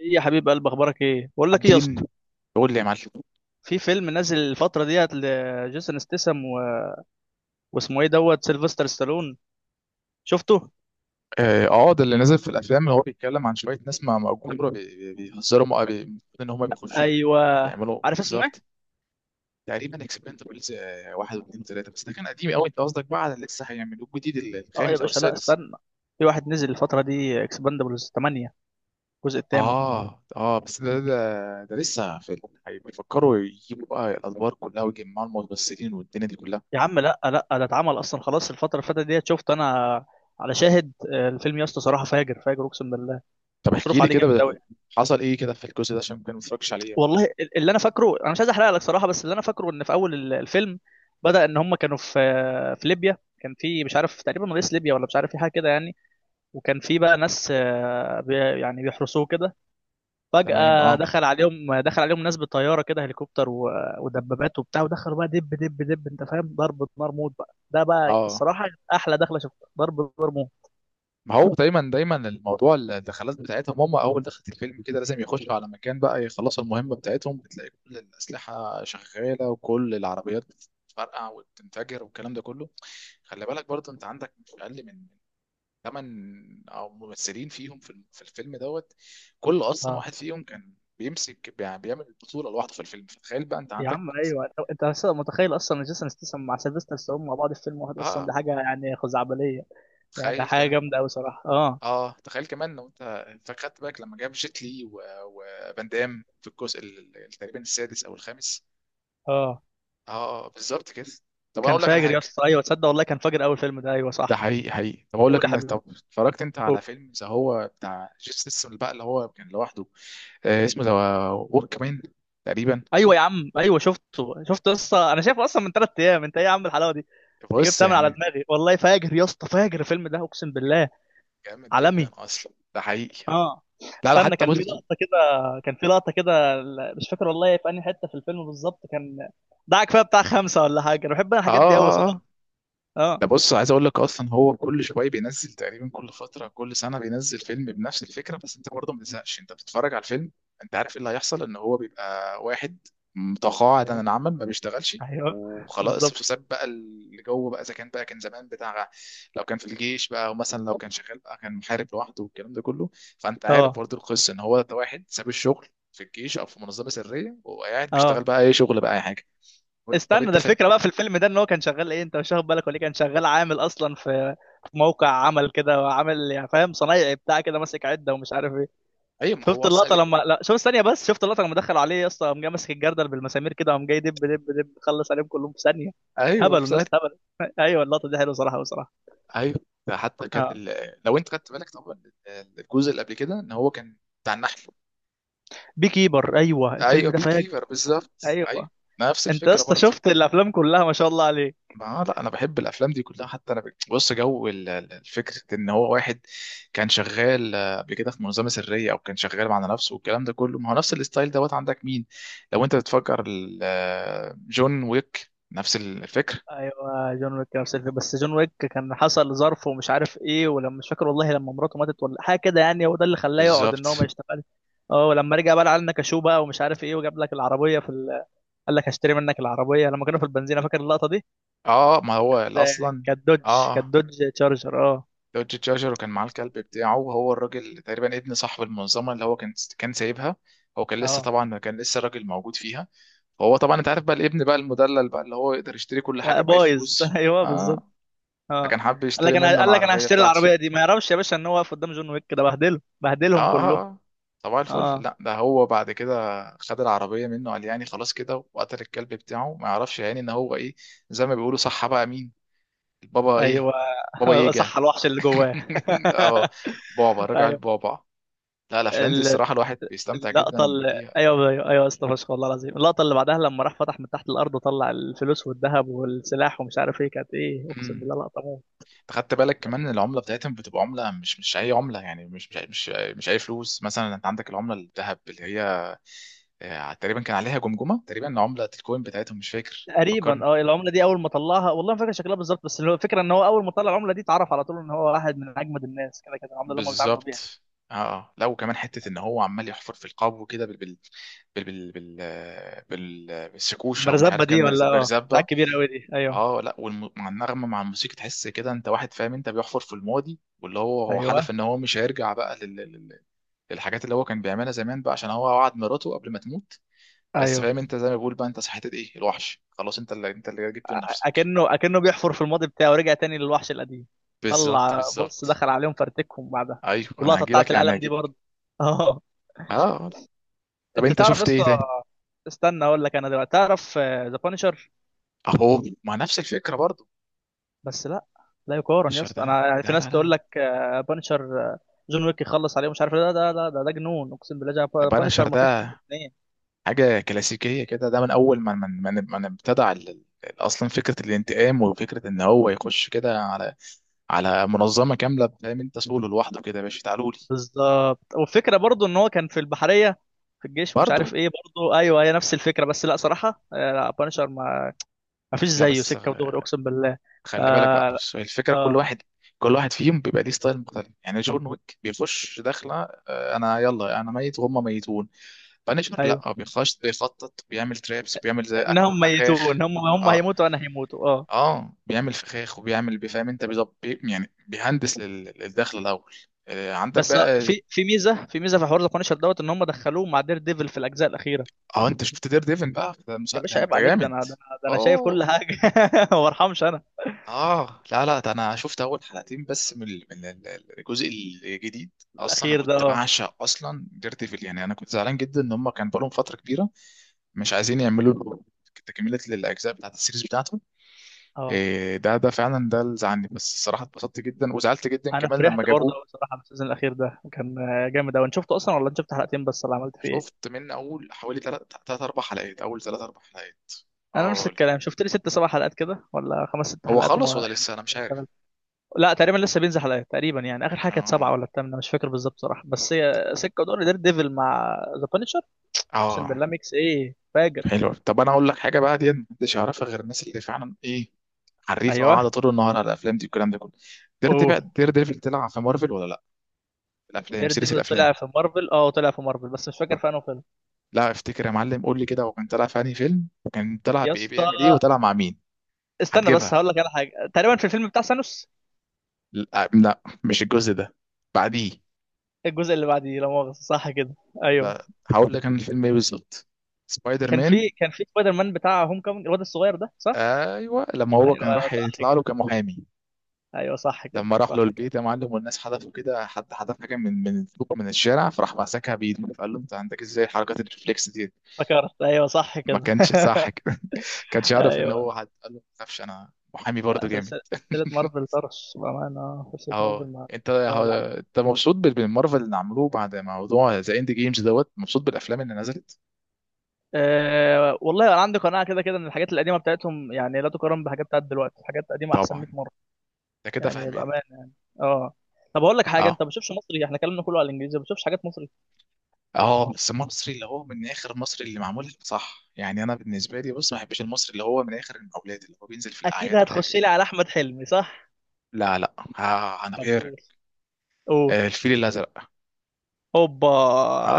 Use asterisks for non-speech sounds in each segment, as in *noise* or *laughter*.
ايه يا حبيب قلب، اخبارك ايه؟ بقول لك ايه يا عابدين. اسطى، يقول لي يا معلم. في فيلم نازل الفتره ديت لجيسون ستاثام و... واسمه ايه دوت سيلفستر ستالون. شفته؟ ده اللي نزل في الافلام اللي هو بيتكلم عن شويه ناس ما مأجورة بيهزروا المفروض ان هم بيخشوا ايوه. بيعملوا عارف اسمه ايه؟ بالظبط. تقريبا اكسبندبلز واحد واثنين وثلاثه، بس ده كان قديم قوي. انت قصدك بقى على اللي لسه هيعملوه جديد اه يا الخامس او باشا، لا السادس؟ استنى. في واحد نزل الفتره دي، اكسباندبلز 8، الجزء الثامن. اه بس ده لسه في بيفكروا يجيبوا بقى الادوار كلها ويجمعوا الممثلين والدنيا دي كلها. يا عم لا لا، ده اتعمل اصلا خلاص الفتره اللي فاتت ديت، شفت انا على شاهد. الفيلم يا اسطى صراحه فاجر فاجر، اقسم بالله. طب احكي مصروف لي عليه جامد. كده، حصل ايه كده في الجزء ده عشان ممكن ما اتفرجش عليه. والله اللي انا فاكره، انا مش عايز احرق لك صراحه، بس اللي انا فاكره ان في اول الفيلم، بدا ان هم كانوا في في ليبيا. كان في، مش عارف، تقريبا رئيس ليبيا ولا مش عارف، في حاجه كده يعني. وكان في بقى ناس، آه، بي يعني بيحرسوه كده. تمام فجاه دخل عليهم، دخل عليهم ناس بالطياره كده، هليكوبتر ودبابات وبتاع. ودخلوا بقى دب دب دب، انت فاهم، ضرب نار موت بقى. ده بقى اه الصراحه احلى دخله شفتها، ضرب نار موت. ما هو دايما دايما الموضوع الدخلات بتاعتهم، هم اول دخلت الفيلم كده لازم يخشوا على مكان بقى يخلصوا المهمه بتاعتهم، بتلاقي كل الاسلحه شغاله وكل العربيات بتتفرقع وبتنفجر والكلام ده كله. خلي بالك برضه انت عندك مش اقل من ثمان او ممثلين فيهم في الفيلم دوت. كل اصلا اه واحد فيهم كان بيمسك بيعمل بطوله لوحده في الفيلم، فتخيل بقى انت يا عندك. عم ايوه، انت أصلاً متخيل اصلا إن جيسون ستاثام مع سيلفستر ستالون مع بعض في فيلم واحد؟ اصلا دي اه حاجه يعني خزعبليه. يعني تخيل حاجه كمان جامده قوي صراحه. اه اه تخيل كمان لو انت خدت بالك لما جاب جيت لي وفان دام في الجزء تقريبا السادس او الخامس. اه، اه بالظبط كده. طب انا كان اقول لك انا فاجر حاجه. يا اسطى. ايوه تصدق والله، كان فاجر اول فيلم ده. ايوه ده صح. حقيقي حقيقي. طب اقول لك قول يا انا، حبيبي، طب اتفرجت انت قول. على فيلم ذا هو بتاع جيسون ستاثام بقى اللي هو كان لوحده؟ اسمه ذا ورك مان تقريبا. ايوه يا عم، ايوه شفته شفته، لسه انا شايفه اصلا من ثلاث ايام. انت ايه يا عم الحلاوه دي، انت بص جبتها من على يعني دماغي، والله فاجر يا اسطى، فاجر الفيلم ده اقسم بالله. جامد جدا عالمي. اصلا، ده حقيقي. اه لا لا، استنى، حتى كان في بص. لقطه كده، كان في لقطه كده مش فاكر والله في انهي حته في الفيلم بالظبط. كان ده كفايه بتاع خمسه ولا حاجه، انا بحب انا اه الحاجات دي قوي اه صراحه. آه. اه. ده بص، عايز اقول لك اصلا هو كل شويه بينزل، تقريبا كل فتره كل سنه بينزل فيلم بنفس الفكره، بس انت برضه ما بتزهقش، انت بتتفرج على الفيلم. انت عارف ايه اللي هيحصل؟ ان هو بيبقى واحد متقاعد عن ايوه العمل ما بيشتغلش ايوه وخلاص، بالظبط. وساب بقى اللي جوه بقى، اذا كان بقى كان زمان بتاع، لو كان في الجيش بقى او مثلا لو كان شغال بقى كان محارب لوحده والكلام ده كله. فانت عارف اه برضه القصه ان هو ده واحد ساب الشغل في الجيش او في منظمه سريه، وقاعد بيشتغل اه بقى اي شغل بقى اي حاجه. وانت طب استنى، ده انت فاكر؟ الفكره بقى في الفيلم ده ان هو كان شغال ايه، انت مش واخد بالك ولا إيه؟ كان شغال عامل اصلا في في موقع عمل كده، وعامل يعني، فاهم، صنايعي بتاع كده، ماسك عده ومش عارف ايه. ايوه ما شفت هو اصلا اللقطه لما، *laughs* لا شوف ثانيه بس، شفت اللقطه لما دخلوا عليه يا اسطى؟ قام جاي ماسك الجردل بالمسامير كده، قام جاي دب دب دب، خلص عليهم كلهم في ثانيه. ايوه هبلوا الناس، هبلوا. *laughs* ايوه اللقطه دي حلوه صراحه، بصراحه. ايوه. ده حتى كانت اه، ال... لو انت خدت بالك طبعا، الجزء اللي قبل كده ان هو كان بتاع النحل. بي كيبر، ايوه الفيلم ايوه ده بي فاجر. كيفر بالظبط ايوه. ايوه. نفس انت يا الفكره اسطى برضه. شفت الافلام كلها، ما شاء الله عليك. ما لا انا بحب الافلام دي كلها. حتى انا بص، جو الفكره ان هو واحد كان شغال قبل كده في منظمه سريه، او كان شغال مع نفسه والكلام ده كله. ما هو نفس الستايل دوت. عندك مين لو انت بتفكر جون ويك نفس الفكره. ايوه جون ويك نفس الفيلم، بس جون ويك كان حصل ظرف ومش عارف ايه، ولما مش فاكر والله، لما مراته ماتت ولا حاجه كده يعني، هو ده اللي خلاه يقعد ان هو بالظبط. ما يشتغلش. اه ولما رجع بقى، لعلنا كشو بقى ومش عارف ايه، وجاب لك العربيه في ال... قال لك هشتري منك العربيه، لما كانوا في البنزينه، فاكر اللقطه دي؟ اه ما هو ده اصلا. كانت اه دوج، كانت آه. دوج تشارجر. اه دوج جاجر، وكان معاه الكلب بتاعه، وهو الراجل تقريبا ابن صاحب المنظمه اللي هو كان كان سايبها. هو كان لسه اه طبعا، كان لسه الراجل موجود فيها. وهو طبعا انت عارف بقى الابن بقى المدلل بقى اللي هو يقدر يشتري كل لا، حاجه باي بايظ. *laughs* فلوس. ايوه بالظبط. اه. اه. فكان حابب قال يشتري لك انا، منه قال لك انا العربيه هشتري بتاعته. العربيه دي، ما يعرفش يا باشا ان هو واقف قدام جون ويك، ده بهدله، اه بهدلهم اه كلهم. آه. طبعا الفل، اه. لا ده هو بعد كده خد العربيه منه، قال يعني خلاص كده، وقتل الكلب بتاعه، ما يعرفش يعني ان هو ايه. زي ما بيقولوا صح بقى، مين البابا ايه، ايوه. بابا *laughs* ييجا. صح، الوحش اللي جواه. *laughs* اه، *laughs* بابا رجع ايوه. البابا. لا الافلام دي ال- الصراحه الواحد بيستمتع اللقطه جدا اللي بيها. ايوه ايوه ايوه يا اسطى فشخ والله العظيم، اللقطه اللي بعدها لما راح فتح من تحت الارض وطلع الفلوس والذهب والسلاح ومش عارف ايه، كانت ايه اقسم امم، بالله، لقطه موت. أنت خدت بالك كمان ان العمله بتاعتهم بتبقى عمله، مش مش اي عمله يعني، مش اي فلوس. مثلا انت عندك العمله الذهب اللي هي تقريبا كان عليها جمجمه، تقريبا عمله الكوين بتاعتهم مش فاكر، تقريبا فكرني. اه، العمله دي اول ما طلعها، والله ما فاكر شكلها بالظبط، بس اللي هو الفكره ان هو اول ما طلع العمله دي اتعرف على طول ان هو واحد من اجمد الناس، كده كده العمله اللي هم بيتعاملوا بيها. بالظبط. لا وكمان حته ان هو عمال يحفر في القبو كده بالسكوشه، ومش المرزبه عارف كان دي ولا مرزبه. اه، بتاع كبير قوي دي، ايوه اه لا مع النغمه مع الموسيقى تحس كده انت، واحد فاهم انت بيحفر في الماضي، واللي هو هو حلف ايوه ان هو مش هيرجع بقى للحاجات اللي هو كان بيعملها زمان بقى عشان هو وعد مراته قبل ما تموت. بس ايوه. فاهم انت زي ما بيقول بقى، انت صحيت ايه الوحش، خلاص انت اللي انت اللي جبته لنفسك. اكنه، اكنه بيحفر في الماضي بتاعه ورجع تاني للوحش القديم. بالظبط طلع بص، بالظبط. دخل عليهم فرتكهم بعدها. ايوه انا واللقطه بتاعت هجيلك يعني القلم دي هجيب. برضه. *laughs* اه. طب انت انت تعرف يا شفت ايه اسطى، تاني؟ استنى اقول لك انا دلوقتي، تعرف ذا بانشر؟ اهو مع نفس الفكره برضو. بس لا، لا يقارن يا اسطى. الشردقه انا يعني في ده. لا ناس لا تقول لا. لك بانشر، جون ويك يخلص عليه، مش عارف إيه. لا ده جنون اقسم بالله. طب انا بانشر ما فيش منه الشردقه اثنين. حاجة كلاسيكية كده. ده من أول ما من من من ابتدع أصلا فكرة الانتقام، وفكرة إن هو يخش كده على منظمة كاملة، فاهم أنت، سوله لوحده كده يا باشا، تعالوا لي. بالظبط، والفكره برضو ان هو كان في البحريه في الجيش، ومش عارف برضه ايه برضو. ايوه هي نفس الفكره، بس لا صراحه. لا بانشر ما فيش لا زيه، بس سكه ودغري اقسم بالله. خلي بالك بقى اه بص، هي الفكرة كل اه واحد، كل واحد فيهم بيبقى ليه ستايل مختلف. يعني جون ويك بيخش داخلة أنا يلا، أنا ميت وهم ميتون. بانشر ايوه. لا بيخش بيخطط، بيعمل ترابس، بيعمل زي أكل انهم فخاخ. ميتون، هم هم اه هيموتوا، انا هيموتوا. آه. اه بيعمل فخاخ وبيعمل، بيفهم انت بيظبط يعني، بيهندس للدخل الاول. عندك بس بقى. في في ميزه، في ميزه في حوار ذا بانشر دوت، ان هم دخلوه مع دير ديفل في الاجزاء الاخيره. اه انت شفت دير ديفن بقى؟ ده مش يا ده باشا عيب انت عليك، ده جامد. انا ده انا, ده أنا شايف اه كل حاجه. *laughs* ما ارحمش انا. اه. لا لا ده انا شفت اول حلقتين بس من الجزء الجديد. اصلا انا الاخير ده كنت اه. بعشق اصلا دير ديفل، يعني انا كنت زعلان جدا ان هم كان بقالهم فتره كبيره مش عايزين يعملوا له تكمله للاجزاء بتاعت السيريز بتاعته. اه إيه ده، ده فعلا ده اللي زعلني. بس الصراحه اتبسطت جدا وزعلت جدا انا كمان فرحت لما برضه جابوه. قوي صراحه، بالسيزون الاخير ده، كان جامد قوي. انت شفته اصلا ولا انت شفت حلقتين بس، ولا عملت فيه ايه؟ شفت من اول حوالي تلات تلات اربع حلقات، اول تلات اربع حلقات. انا نفس اه. الكلام، شفت لي ست سبع حلقات كده، ولا خمس ست هو حلقات، خلص وما ولا يعني لسه انا مش عارف. اشتغلت. لا تقريبا لسه بينزل حلقات تقريبا، يعني اخر حاجه كانت سبعه اه ولا الثامنه، مش فاكر بالظبط صراحه، بس هي سكه. ودور دير ديفل مع ذا بانشر، اقسم اه. بالله ميكس ايه فاجر. حلو. طب انا اقول لك حاجه بقى، دي محدش يعرفها غير الناس اللي فعلا ايه، حريفه قاعده ايوه طول النهار على الافلام دي والكلام ده كله. دير بقى، اوه، دير ديفل طلع في مارفل ولا لا؟ الافلام دير سيريس ديفل الافلام. طلع في مارفل، اه طلع في مارفل، بس مش فاكر طب في انه فيلم. لا افتكر يا معلم، قول لي كده، هو كان طلع في انهي فيلم؟ وكان طلع يا بايه اسطى بيعمل ايه؟ وطلع مع مين؟ استنى بس هتجيبها. هقول لك على حاجه، تقريبا في الفيلم بتاع سانوس. لا، لا مش الجزء ده، بعديه. الجزء اللي بعديه، لا مؤاخذه صح كده، ايوه. لا هقول لك انا الفيلم ايه بالظبط. سبايدر كان مان. في، كان في سبايدر مان بتاع هوم كومينج، الواد الصغير ده صح. ايوه لما هو ايوه كان ايوه راح صح يطلع كده. له كمحامي. ايوه صح كده، لما راح له صح كده. البيت يا معلم، والناس حدفوا كده، حد حدف حاجه من الفوق من الشارع، فراح مسكها بايده، فقال له انت عندك ازاي حركات الريفلكس دي؟ فكرت، ايوه صح ما كده. كانش صح كده. *laughs* كانش *laughs* يعرف ان ايوه هو حد قال له ما تخافش، انا محامي برضه جامد. سلسله، سلسلة مارفل طرش بامانه. *laughs* سلسله مارفل اهو. ما انت لا ولا عليه. انت مبسوط بالمارفل اللي عملوه بعد موضوع ذا اند جيمز دوت؟ مبسوط بالافلام اللي نزلت؟ أه والله انا عندي قناعه كده كده، ان الحاجات القديمه بتاعتهم يعني لا تقارن بحاجات بتاعت دلوقتي، الحاجات القديمه احسن 100 طبعا. مره، انت كده يعني فاهمان. بامانه. اه. طب اقول لك حاجه، اه انت ما بتشوفش مصري؟ احنا كلامنا كله على الانجليزي، ما بتشوفش حاجات مصري. اه بس المصري اللي هو من اخر، المصري اللي معمول صح يعني، انا بالنسبه لي بص ما بحبش المصري اللي هو من اخر المقاولات اللي هو بينزل في اكيد الاعياد هتخش والحاجات. لي على احمد حلمي صح. لا لا، انا طب فاكر. قول، قول. الفيل الازرق. اوبا،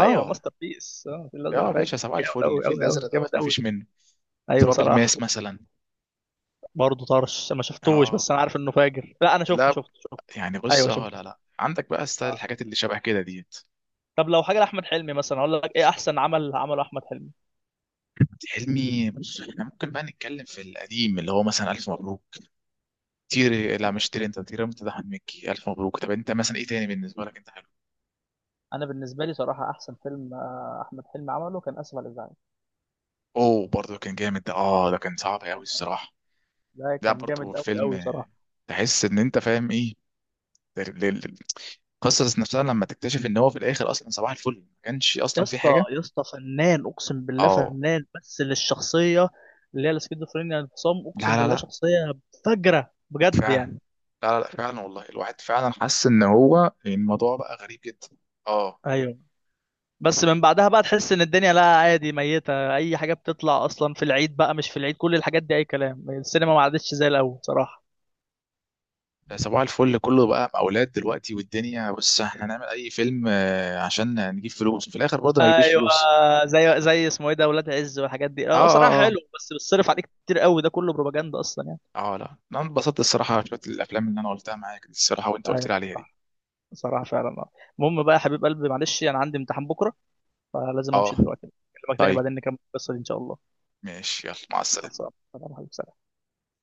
ايوه ماستر بيس اه، في يا الازرق باشا فاجر صباح جامد، الفل، قوي الفيل قوي قوي الازرق جامد دوت ما قوي. فيش منه. ايوه تراب صراحه. الماس مثلا. برضه طرش، ما شفتوش، اه بس انا عارف انه فاجر. لا انا شفته لا شفته شفته. يعني بص. ايوه اه لا شفته. لا عندك بقى ستايل آه. الحاجات اللي شبه كده ديت. طب لو حاجه لاحمد حلمي مثلا، اقول لك ايه احسن عمل عمله احمد حلمي؟ حلمي بص، احنا ممكن بقى نتكلم في القديم اللي هو مثلا الف مبروك. تيري، لا مش تيري، انت تيري، انت ده أحمد مكي الف مبروك. طب انت مثلا ايه تاني بالنسبه لك انت؟ انا بالنسبه لي صراحه احسن فيلم احمد حلمي عمله كان اسف على الازعاج. اوه برضه كان جامد ده. اه ده كان صعب قوي الصراحه. ده ده كان برضه جامد قوي فيلم قوي صراحه. تحس ان انت فاهم ايه ال- ال- القصه نفسها، لما تكتشف ان هو في الاخر اصلا صباح الفل ما كانش يا اصلا في اسطى حاجه. يا اسطى فنان اقسم بالله، اه. فنان بس للشخصيه اللي هي السكيزوفرينيا، انفصام، لا اقسم لا بالله لا، شخصيه فجره بجد فعلا. يعني. لا لا لا، فعلا والله. الواحد فعلا حس ان هو الموضوع بقى غريب جدا. اه. ايوه. بس من بعدها بقى تحس ان الدنيا لا عادي، ميته، اي حاجه بتطلع اصلا في العيد بقى، مش في العيد، كل الحاجات دي اي كلام. السينما ما عادتش زي الاول صراحه. ده صباح الفل كله بقى اولاد دلوقتي والدنيا، بص احنا هنعمل اي فيلم عشان نجيب فلوس في الاخر برضه ما يجيبش ايوه، فلوس. زي اسمه ايه ده، ولاد عز والحاجات دي، اه اه صراحه اه آه. حلو، بس بتصرف عليك كتير قوي، ده كله بروباجندا اصلا يعني. اه لا انا انبسطت الصراحه شويه، الافلام اللي انا قلتها معاك دي الصراحه وانت قلت ايوه لي عليها دي. صراحه، صراحه فعلا. آه. المهم بقى يا حبيب قلبي، معلش انا يعني عندي امتحان بكره، فلازم امشي اه. دلوقتي. اكلمك تاني طيب بعدين نكمل القصه دي ان شاء الله. ماشي، يلا مع السلامه. خلصان، سلام عليكم.